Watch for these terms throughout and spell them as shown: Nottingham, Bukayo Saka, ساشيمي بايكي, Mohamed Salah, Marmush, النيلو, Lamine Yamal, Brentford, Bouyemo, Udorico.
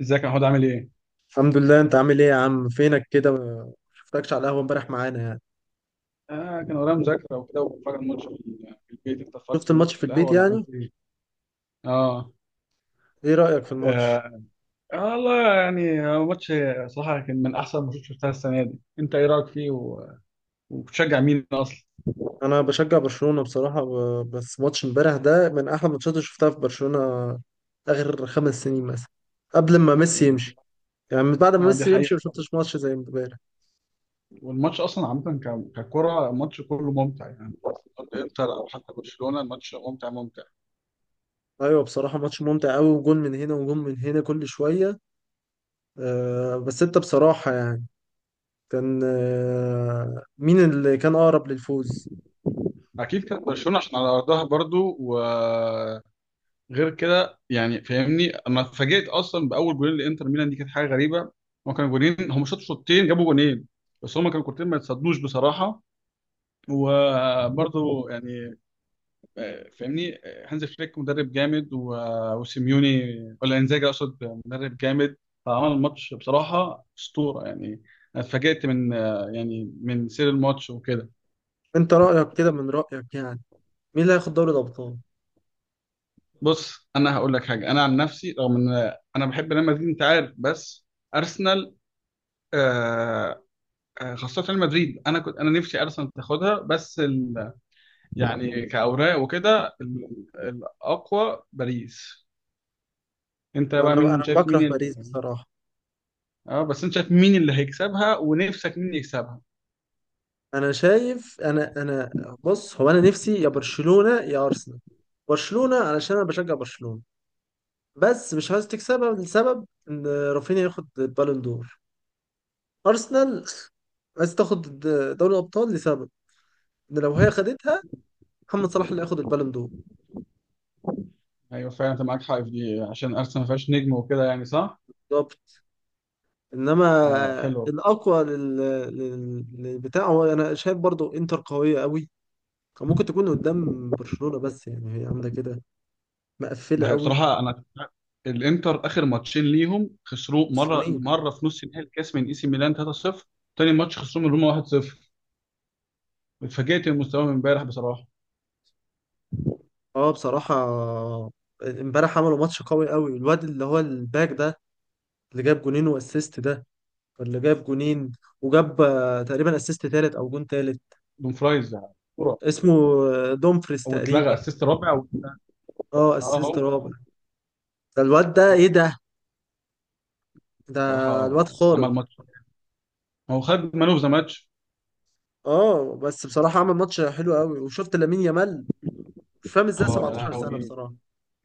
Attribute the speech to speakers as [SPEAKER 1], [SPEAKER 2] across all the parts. [SPEAKER 1] ازيك يا محمود عامل ايه؟
[SPEAKER 2] الحمد لله، انت عامل ايه يا عم؟ فينك كده ما شفتكش على القهوه امبارح معانا يعني.
[SPEAKER 1] كان ورايا مذاكرة وكده وبتفرج على الماتش في البيت. انت اتفرجت
[SPEAKER 2] شفت
[SPEAKER 1] في
[SPEAKER 2] الماتش
[SPEAKER 1] الماتش
[SPEAKER 2] في
[SPEAKER 1] في القهوة
[SPEAKER 2] البيت
[SPEAKER 1] ولا
[SPEAKER 2] يعني.
[SPEAKER 1] عملت ايه؟ اه.
[SPEAKER 2] ايه رايك في الماتش؟
[SPEAKER 1] آه والله يعني هو ماتش. صراحة كان من أحسن الماتشات اللي شفتها السنة دي. أنت إيه رأيك فيه وبتشجع مين أصلا؟
[SPEAKER 2] انا بشجع برشلونه بصراحه. بس ماتش امبارح ده من احلى الماتشات اللي شفتها في برشلونه اخر 5 سنين مثلا، قبل ما ميسي يمشي. يعني من بعد ما
[SPEAKER 1] اه، دي
[SPEAKER 2] ميسي
[SPEAKER 1] حقيقة
[SPEAKER 2] يمشي ما
[SPEAKER 1] بصراحة.
[SPEAKER 2] شفتش ماتش زي امبارح.
[SPEAKER 1] والماتش أصلا عامة ككرة، الماتش كله ممتع يعني. ضد إنتر أو حتى برشلونة، الماتش ممتع ممتع.
[SPEAKER 2] ايوه، بصراحه ماتش ممتع قوي، وجون من هنا وجون من هنا كل شويه. أه بس انت بصراحه يعني كان، مين اللي كان اقرب للفوز؟
[SPEAKER 1] أكيد كانت برشلونة عشان على أرضها برضو. غير كده يعني فاهمني، اما اتفاجئت اصلا باول جولين لانتر ميلان، دي كانت حاجه غريبه. هما كانوا جولين، هم شاطوا شوطين جابوا جولين. بس هما كانوا كورتين ما يتصدوش بصراحه. وبرضه يعني فاهمني. هانز فليك مدرب جامد وسيميوني، ولا انزاجي اقصد، مدرب جامد. فعمل الماتش بصراحه اسطوره يعني. انا اتفاجئت من يعني من سير الماتش وكده.
[SPEAKER 2] انت رايك كده، من رايك يعني مين اللي هياخد دوري الابطال؟
[SPEAKER 1] بص، انا هقول لك حاجه. انا عن نفسي رغم ان انا بحب ريال مدريد انت عارف، بس ارسنال. آه، خاصة ريال مدريد، أنا كنت أنا نفسي أرسنال تاخدها، بس يعني كأوراق وكده الأقوى باريس. أنت
[SPEAKER 2] ما
[SPEAKER 1] بقى
[SPEAKER 2] انا
[SPEAKER 1] مين شايف،
[SPEAKER 2] بكره
[SPEAKER 1] مين
[SPEAKER 2] باريس بصراحه.
[SPEAKER 1] أه بس أنت شايف مين اللي هيكسبها، ونفسك مين يكسبها؟
[SPEAKER 2] انا شايف انا انا بص، هو انا نفسي يا برشلونه يا ارسنال. برشلونه علشان انا بشجع برشلونه، بس مش عايز تكسبها لسبب ان رافينيا ياخد البالون دور. ارسنال عايز تاخد دوري الابطال لسبب ان لو هي خدتها، محمد صلاح اللي هياخد البالون دور.
[SPEAKER 1] أيوه فعلا، أنت معاك حق في دي عشان أرسنال ما فيهاش نجم وكده يعني صح؟
[SPEAKER 2] بالظبط. انما
[SPEAKER 1] أه حلوة.
[SPEAKER 2] الاقوى للبتاع، هو انا شايف برضو انتر قويه قوي. كان ممكن تكون قدام برشلونه بس يعني هي عامله كده، مقفله
[SPEAKER 1] ما هي
[SPEAKER 2] قوي.
[SPEAKER 1] بصراحة أنا، الانتر اخر ماتشين ليهم خسروه مره
[SPEAKER 2] صينيه.
[SPEAKER 1] مره في نص نهائي الكاس من اي سي ميلان 3-0. تاني ماتش خسروه من روما 1-0. اتفاجئت من مستواهم امبارح بصراحه.
[SPEAKER 2] اه بصراحه، امبارح عملوا ماتش قوي قوي، الواد اللي هو الباك ده، اللي جاب جونين واسيست ده، اللي جاب جونين وجاب تقريبا اسيست تالت او جون تالت.
[SPEAKER 1] دومفرايز يعني.
[SPEAKER 2] اسمه دومفريز
[SPEAKER 1] واتلغى
[SPEAKER 2] تقريبا.
[SPEAKER 1] اسيست رابع
[SPEAKER 2] اه،
[SPEAKER 1] اه
[SPEAKER 2] اسيست
[SPEAKER 1] هو
[SPEAKER 2] رابع. ده الواد ده ايه ده؟ ده
[SPEAKER 1] بصراحه
[SPEAKER 2] الواد خارق.
[SPEAKER 1] عمل ماتش. هو خد مان اوف ذا ماتش.
[SPEAKER 2] اه بس بصراحه عمل ماتش حلو قوي. وشفت لامين يامال؟ مش فاهم ازاي
[SPEAKER 1] اه يا
[SPEAKER 2] 17 سنه
[SPEAKER 1] لهوي!
[SPEAKER 2] بصراحه.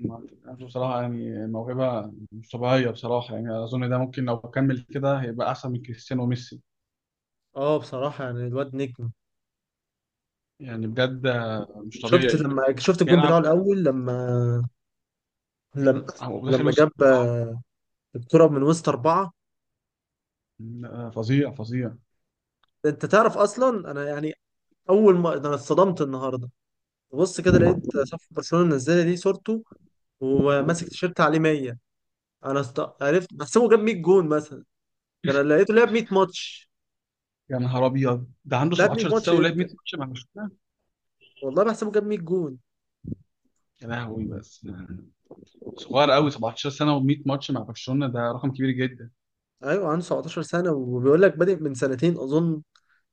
[SPEAKER 1] بصراحه يعني موهبه مش طبيعيه بصراحه يعني. اظن ده ممكن لو كمل كده هيبقى احسن من كريستيانو وميسي.
[SPEAKER 2] اه بصراحه يعني الواد نجم.
[SPEAKER 1] يعني بجد مش
[SPEAKER 2] شفت
[SPEAKER 1] طبيعي.
[SPEAKER 2] لما شفت الجون بتاعه
[SPEAKER 1] بيلعب
[SPEAKER 2] الاول، لما لما
[SPEAKER 1] هو داخل وسط
[SPEAKER 2] جاب
[SPEAKER 1] الاربعه.
[SPEAKER 2] الكرة من وسط أربعة؟
[SPEAKER 1] فظيع فظيع.
[SPEAKER 2] أنت تعرف أصلا أنا يعني أول ما ده، أنا اتصدمت النهاردة. ببص كده لقيت صفحة برشلونة منزلة دي صورته، وماسك تيشيرت عليه 100. أنا عرفت، بحسبه جاب 100 جون مثلا، ده أنا لقيته لعب 100 ماتش.
[SPEAKER 1] يا نهار ابيض، ده عنده
[SPEAKER 2] لعب 100
[SPEAKER 1] 17
[SPEAKER 2] ماتش
[SPEAKER 1] سنه ولعب 100
[SPEAKER 2] إمتى؟
[SPEAKER 1] ماتش مع برشلونه!
[SPEAKER 2] والله بحسبه جاب 100 جون.
[SPEAKER 1] يا لهوي بس، صغير قوي، 17 سنه و100 ماتش مع برشلونه، ده رقم كبير جدا.
[SPEAKER 2] أيوه عنده 17 سنة، وبيقول لك بادئ من سنتين أظن.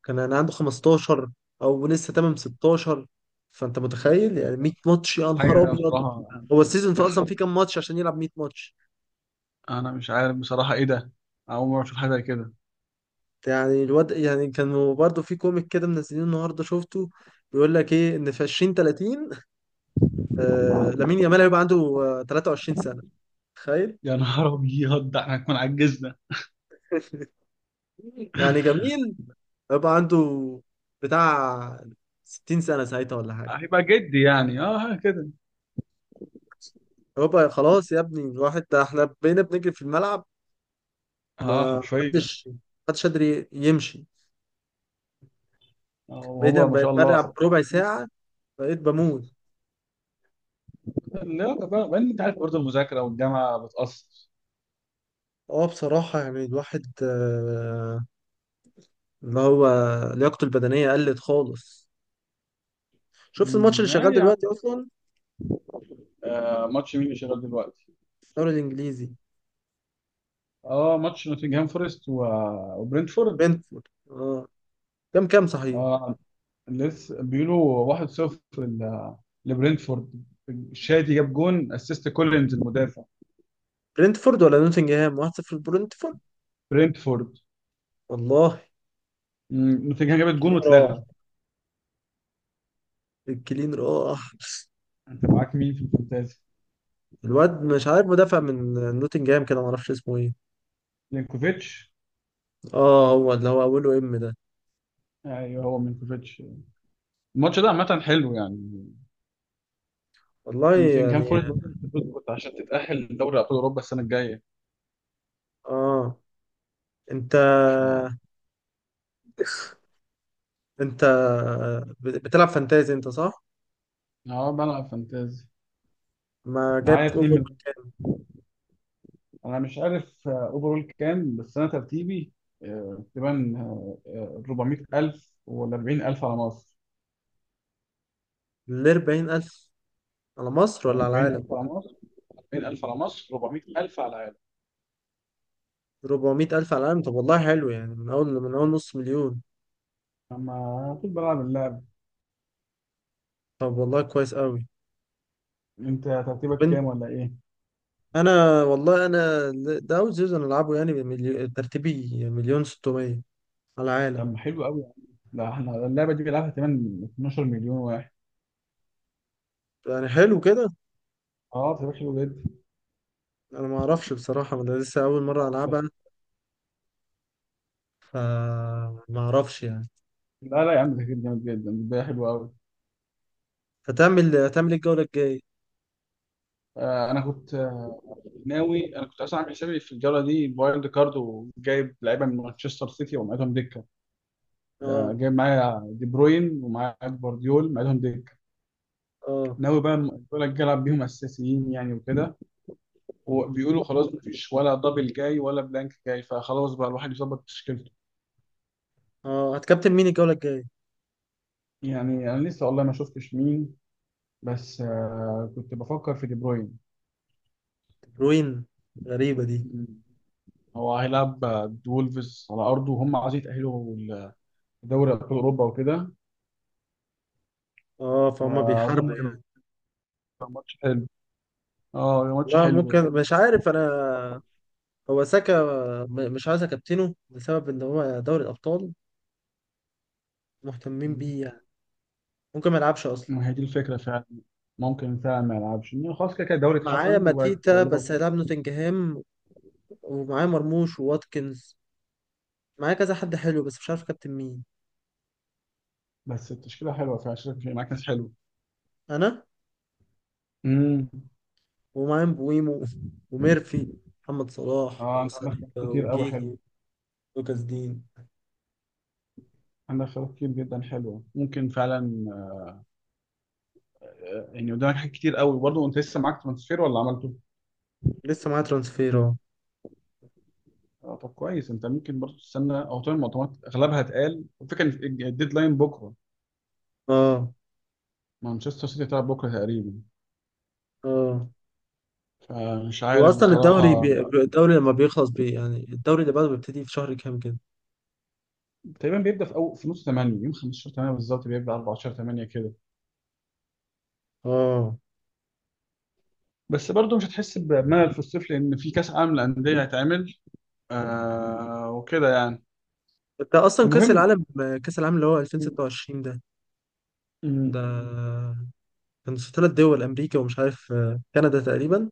[SPEAKER 2] كان أنا عنده 15، أو لسه تمام 16. فأنت متخيل يعني 100 ماتش؟ يا نهار
[SPEAKER 1] حاجه
[SPEAKER 2] أبيض.
[SPEAKER 1] بصراحه.
[SPEAKER 2] هو السيزون فيه أصلا فيه كام ماتش عشان يلعب 100 ماتش؟
[SPEAKER 1] انا مش عارف بصراحه ايه ده. اول مره اشوف حاجه زي كده.
[SPEAKER 2] يعني الواد يعني، كانوا برضو في كوميك كده منزلينه النهارده شفته، بيقول لك ايه ان في 20 30، آه لامين يامال هيبقى عنده 23 سنه. تخيل.
[SPEAKER 1] يا نهار ابيض، ده احنا هنكون عجزنا.
[SPEAKER 2] يعني جميل، هيبقى عنده بتاع 60 سنه ساعتها ولا حاجه.
[SPEAKER 1] هيبقى جدي يعني، اه، ها كده.
[SPEAKER 2] هيبقى خلاص يا ابني الواحد، ده احنا بقينا بنجري في الملعب.
[SPEAKER 1] اه
[SPEAKER 2] ما
[SPEAKER 1] حرفيا.
[SPEAKER 2] حدش حدش قادر يمشي. بقيت
[SPEAKER 1] وهو ما
[SPEAKER 2] لما
[SPEAKER 1] شاء الله
[SPEAKER 2] بلعب
[SPEAKER 1] 17.
[SPEAKER 2] ربع ساعه بقيت بموت.
[SPEAKER 1] لا ده بقى انت عارف برضه المذاكره والجامعه بتاثر.
[SPEAKER 2] اه بصراحه يعني الواحد اللي هو لياقته البدنية قلت خالص. شفت الماتش اللي شغال
[SPEAKER 1] عادي يا
[SPEAKER 2] دلوقتي
[SPEAKER 1] عم.
[SPEAKER 2] أصلا؟
[SPEAKER 1] ماتش مين اللي شغال دلوقتي؟
[SPEAKER 2] الدوري الإنجليزي.
[SPEAKER 1] اه، ماتش نوتنجهام فورست وبرنتفورد.
[SPEAKER 2] برنتفورد، اه. كام كام صحيح؟
[SPEAKER 1] اه لسه بيقولوا 1-0 لبرنتفورد. الشادي جاب جون، اسيست كولينز المدافع.
[SPEAKER 2] برنتفورد ولا نوتنجهام؟ 1-0 برنتفورد.
[SPEAKER 1] برنتفورد.
[SPEAKER 2] والله.
[SPEAKER 1] نوتنجهام جابت جون
[SPEAKER 2] الكلين راح،
[SPEAKER 1] واتلغى.
[SPEAKER 2] الكلين راح.
[SPEAKER 1] انت معاك مين في الفانتازي؟
[SPEAKER 2] الواد مش عارف، مدافع من نوتنجهام كده، معرفش اسمه ايه.
[SPEAKER 1] لينكوفيتش.
[SPEAKER 2] اه، هو اللي هو أوله إم ده.
[SPEAKER 1] ايوه، هو مينكوفيتش. الماتش ده عامة حلو يعني.
[SPEAKER 2] والله
[SPEAKER 1] نوتنجهام
[SPEAKER 2] يعني.
[SPEAKER 1] فورست برضه بتفوز عشان تتأهل لدوري أبطال أوروبا السنة الجاية.
[SPEAKER 2] اه، انت
[SPEAKER 1] ف
[SPEAKER 2] انت بتلعب فانتازي انت، صح؟
[SPEAKER 1] اه بلعب فانتازي.
[SPEAKER 2] ما
[SPEAKER 1] معايا
[SPEAKER 2] جايب
[SPEAKER 1] اتنين
[SPEAKER 2] اوفر
[SPEAKER 1] من، انا مش عارف اوفرول كام، بس انا ترتيبي تقريبا 400,000 ولا 40,000 على مصر.
[SPEAKER 2] ل 40,000. على مصر ولا على العالم؟
[SPEAKER 1] 40,000 على مصر، 400,000 على العالم.
[SPEAKER 2] 400 ألف على العالم؟ طب والله حلو يعني، من أول نص مليون.
[SPEAKER 1] اما طول بلعب اللعب.
[SPEAKER 2] طب والله كويس قوي.
[SPEAKER 1] انت
[SPEAKER 2] طب
[SPEAKER 1] ترتيبك كام
[SPEAKER 2] أنت،
[SPEAKER 1] ولا ايه؟
[SPEAKER 2] أنا والله أنا ده أول سيزون ألعبه يعني، ترتيبي مليون 600 على
[SPEAKER 1] طب
[SPEAKER 2] العالم.
[SPEAKER 1] ما حلو قوي يعني. لا، احنا اللعبه دي بيلعبها كمان 12 مليون واحد.
[SPEAKER 2] يعني حلو كده.
[SPEAKER 1] اه طب حلو جدا.
[SPEAKER 2] أنا ما أعرفش بصراحة، أنا لسه أول مرة
[SPEAKER 1] يا عم.
[SPEAKER 2] ألعبها. فما أعرفش يعني.
[SPEAKER 1] لا لا يا عم، ده كده جامد جدا، ده حلو قوي.
[SPEAKER 2] هتعمل إيه الجولة الجاية؟
[SPEAKER 1] آه انا كنت آه، ناوي. انا كنت اصلا عامل حسابي في الجوله دي وايلد كارد وجايب لعيبه من مانشستر سيتي ومعيدهم دكه.
[SPEAKER 2] أه،
[SPEAKER 1] جايب معايا دي بروين ومعايا جوارديول معايدهم دكه.
[SPEAKER 2] أه،
[SPEAKER 1] ناوي بقى الجوله الجايه العب بيهم اساسيين يعني وكده. وبيقولوا خلاص مفيش ولا دبل جاي ولا بلانك جاي، فخلاص بقى الواحد يظبط تشكيلته.
[SPEAKER 2] أه. هتكابتن مين الجولة الجاية؟
[SPEAKER 1] يعني انا لسه والله ما شفتش مين، بس كنت بفكر في دي بروين.
[SPEAKER 2] روين، غريبة دي.
[SPEAKER 1] هو هيلعب وولفز على ارضه وهم عايزين يتاهلوا لدوري ابطال اوروبا وكده.
[SPEAKER 2] أه، فهم
[SPEAKER 1] فاظن
[SPEAKER 2] بيحاربوا
[SPEAKER 1] هيبقى
[SPEAKER 2] يعني.
[SPEAKER 1] ماتش حلو. اه هيبقى ماتش
[SPEAKER 2] لا
[SPEAKER 1] حلو
[SPEAKER 2] ممكن،
[SPEAKER 1] يعني.
[SPEAKER 2] مش عارف أنا. هو ساكا، مش عايز اكابتنه لسبب ان هو دوري الابطال مهتمين
[SPEAKER 1] مم.
[SPEAKER 2] بيه يعني. ممكن ما يلعبش اصلا.
[SPEAKER 1] ما هي دي الفكره فعلا. ممكن فعلا ما يلعبش، إنه خلاص كده كده الدوري
[SPEAKER 2] معايا
[SPEAKER 1] اتحسم وبقت
[SPEAKER 2] ماتيتا بس
[SPEAKER 1] ليفربول.
[SPEAKER 2] هيلعب نوتنجهام، ومعايا مرموش وواتكنز. معايا كذا حد حلو بس مش عارف كابتن مين.
[SPEAKER 1] بس التشكيله حلوه فعلا، شايف في معاك ناس حلو.
[SPEAKER 2] انا،
[SPEAKER 1] امم.
[SPEAKER 2] ومعايا بويمو وميرفي، محمد صلاح
[SPEAKER 1] اه انت عندك خيارات
[SPEAKER 2] وساليبا
[SPEAKER 1] كتير قوي، حلو.
[SPEAKER 2] وجيهي، لوكاس دين.
[SPEAKER 1] عندك خيارات كتير جدا حلوه، ممكن فعلا. يعني قدامك حاجات كتير قوي برضه. انت لسه معاك ترانسفير ولا عملته؟
[SPEAKER 2] لسه معايا ترانسفير، اه.
[SPEAKER 1] طب كويس. انت ممكن برضه تستنى او تعمل مؤتمرات. اغلبها اتقال، الفكره ان الديدلاين بكره.
[SPEAKER 2] اه،
[SPEAKER 1] مانشستر سيتي هتلعب بكره تقريبا.
[SPEAKER 2] اه،
[SPEAKER 1] فمش
[SPEAKER 2] هو
[SPEAKER 1] عارف
[SPEAKER 2] اصلا الدوري
[SPEAKER 1] بصراحه.
[SPEAKER 2] الدوري لما بيخلص يعني الدوري اللي بعده بيبتدي في شهر كام كده؟
[SPEAKER 1] تقريبا بيبدا في، أو في نص 8، يوم 15 8 بالظبط، بيبدا 14 8 كده.
[SPEAKER 2] اه.
[SPEAKER 1] بس برضه مش هتحس بملل في الصيف، لان في كاس عالم للانديه هيتعمل وكده يعني.
[SPEAKER 2] انت اصلا كاس
[SPEAKER 1] المهم،
[SPEAKER 2] العالم، كاس العالم اللي هو
[SPEAKER 1] م-
[SPEAKER 2] 2026 ده،
[SPEAKER 1] م-
[SPEAKER 2] ده كان 3 دول، امريكا ومش عارف، كندا تقريبا.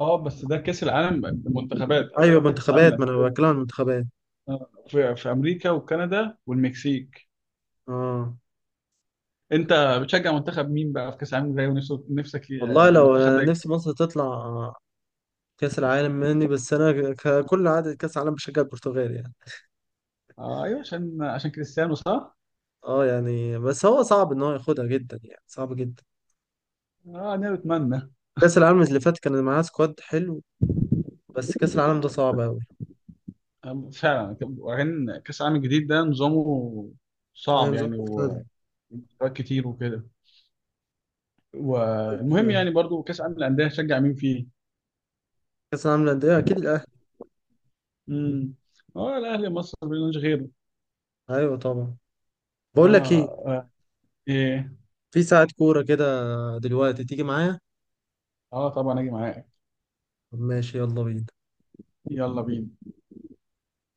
[SPEAKER 1] اه بس ده كاس العالم المنتخبات
[SPEAKER 2] ايوه
[SPEAKER 1] او كاس العالم
[SPEAKER 2] منتخبات، ما انا
[SPEAKER 1] للانديه؟
[SPEAKER 2] بتكلم عن المنتخبات.
[SPEAKER 1] في امريكا وكندا والمكسيك.
[SPEAKER 2] اه.
[SPEAKER 1] انت بتشجع منتخب مين بقى في كاس العالم الجاي، ونفسك نفسك ي-
[SPEAKER 2] والله
[SPEAKER 1] آه،
[SPEAKER 2] لو
[SPEAKER 1] المنتخب
[SPEAKER 2] انا
[SPEAKER 1] ده
[SPEAKER 2] نفسي
[SPEAKER 1] يكسب؟
[SPEAKER 2] مصر تطلع كاس العالم مني، بس انا ككل عادة كاس العالم بشجع البرتغال يعني.
[SPEAKER 1] آه ايوه، عشان كريستيانو صح؟
[SPEAKER 2] اه يعني، بس هو صعب ان هو ياخدها جدا، يعني صعب جدا.
[SPEAKER 1] اه انا بتمنى.
[SPEAKER 2] كاس العالم اللي فات كان معاه سكواد حلو، بس كاس العالم ده صعب قوي.
[SPEAKER 1] فعلا. وبعدين كاس العالم الجديد ده نظامه
[SPEAKER 2] ايوه
[SPEAKER 1] صعب
[SPEAKER 2] نظام
[SPEAKER 1] يعني،
[SPEAKER 2] مختلف.
[SPEAKER 1] ومستويات كتير وكده.
[SPEAKER 2] أيوة
[SPEAKER 1] والمهم
[SPEAKER 2] فعلاً.
[SPEAKER 1] يعني برضو كاس العالم للانديه، هتشجع مين فيه؟
[SPEAKER 2] كاس العالم للانديه اكيد الاهلي.
[SPEAKER 1] امم. اه الاهلي، مصر ملوش غيره.
[SPEAKER 2] ايوه طبعا.
[SPEAKER 1] اه
[SPEAKER 2] بقول لك ايه،
[SPEAKER 1] اه. ايه.
[SPEAKER 2] في ساعة كورة كده دلوقتي، تيجي معايا؟
[SPEAKER 1] اه طبعا، اجي معاك.
[SPEAKER 2] ماشي، يلا بينا.
[SPEAKER 1] يلا بينا.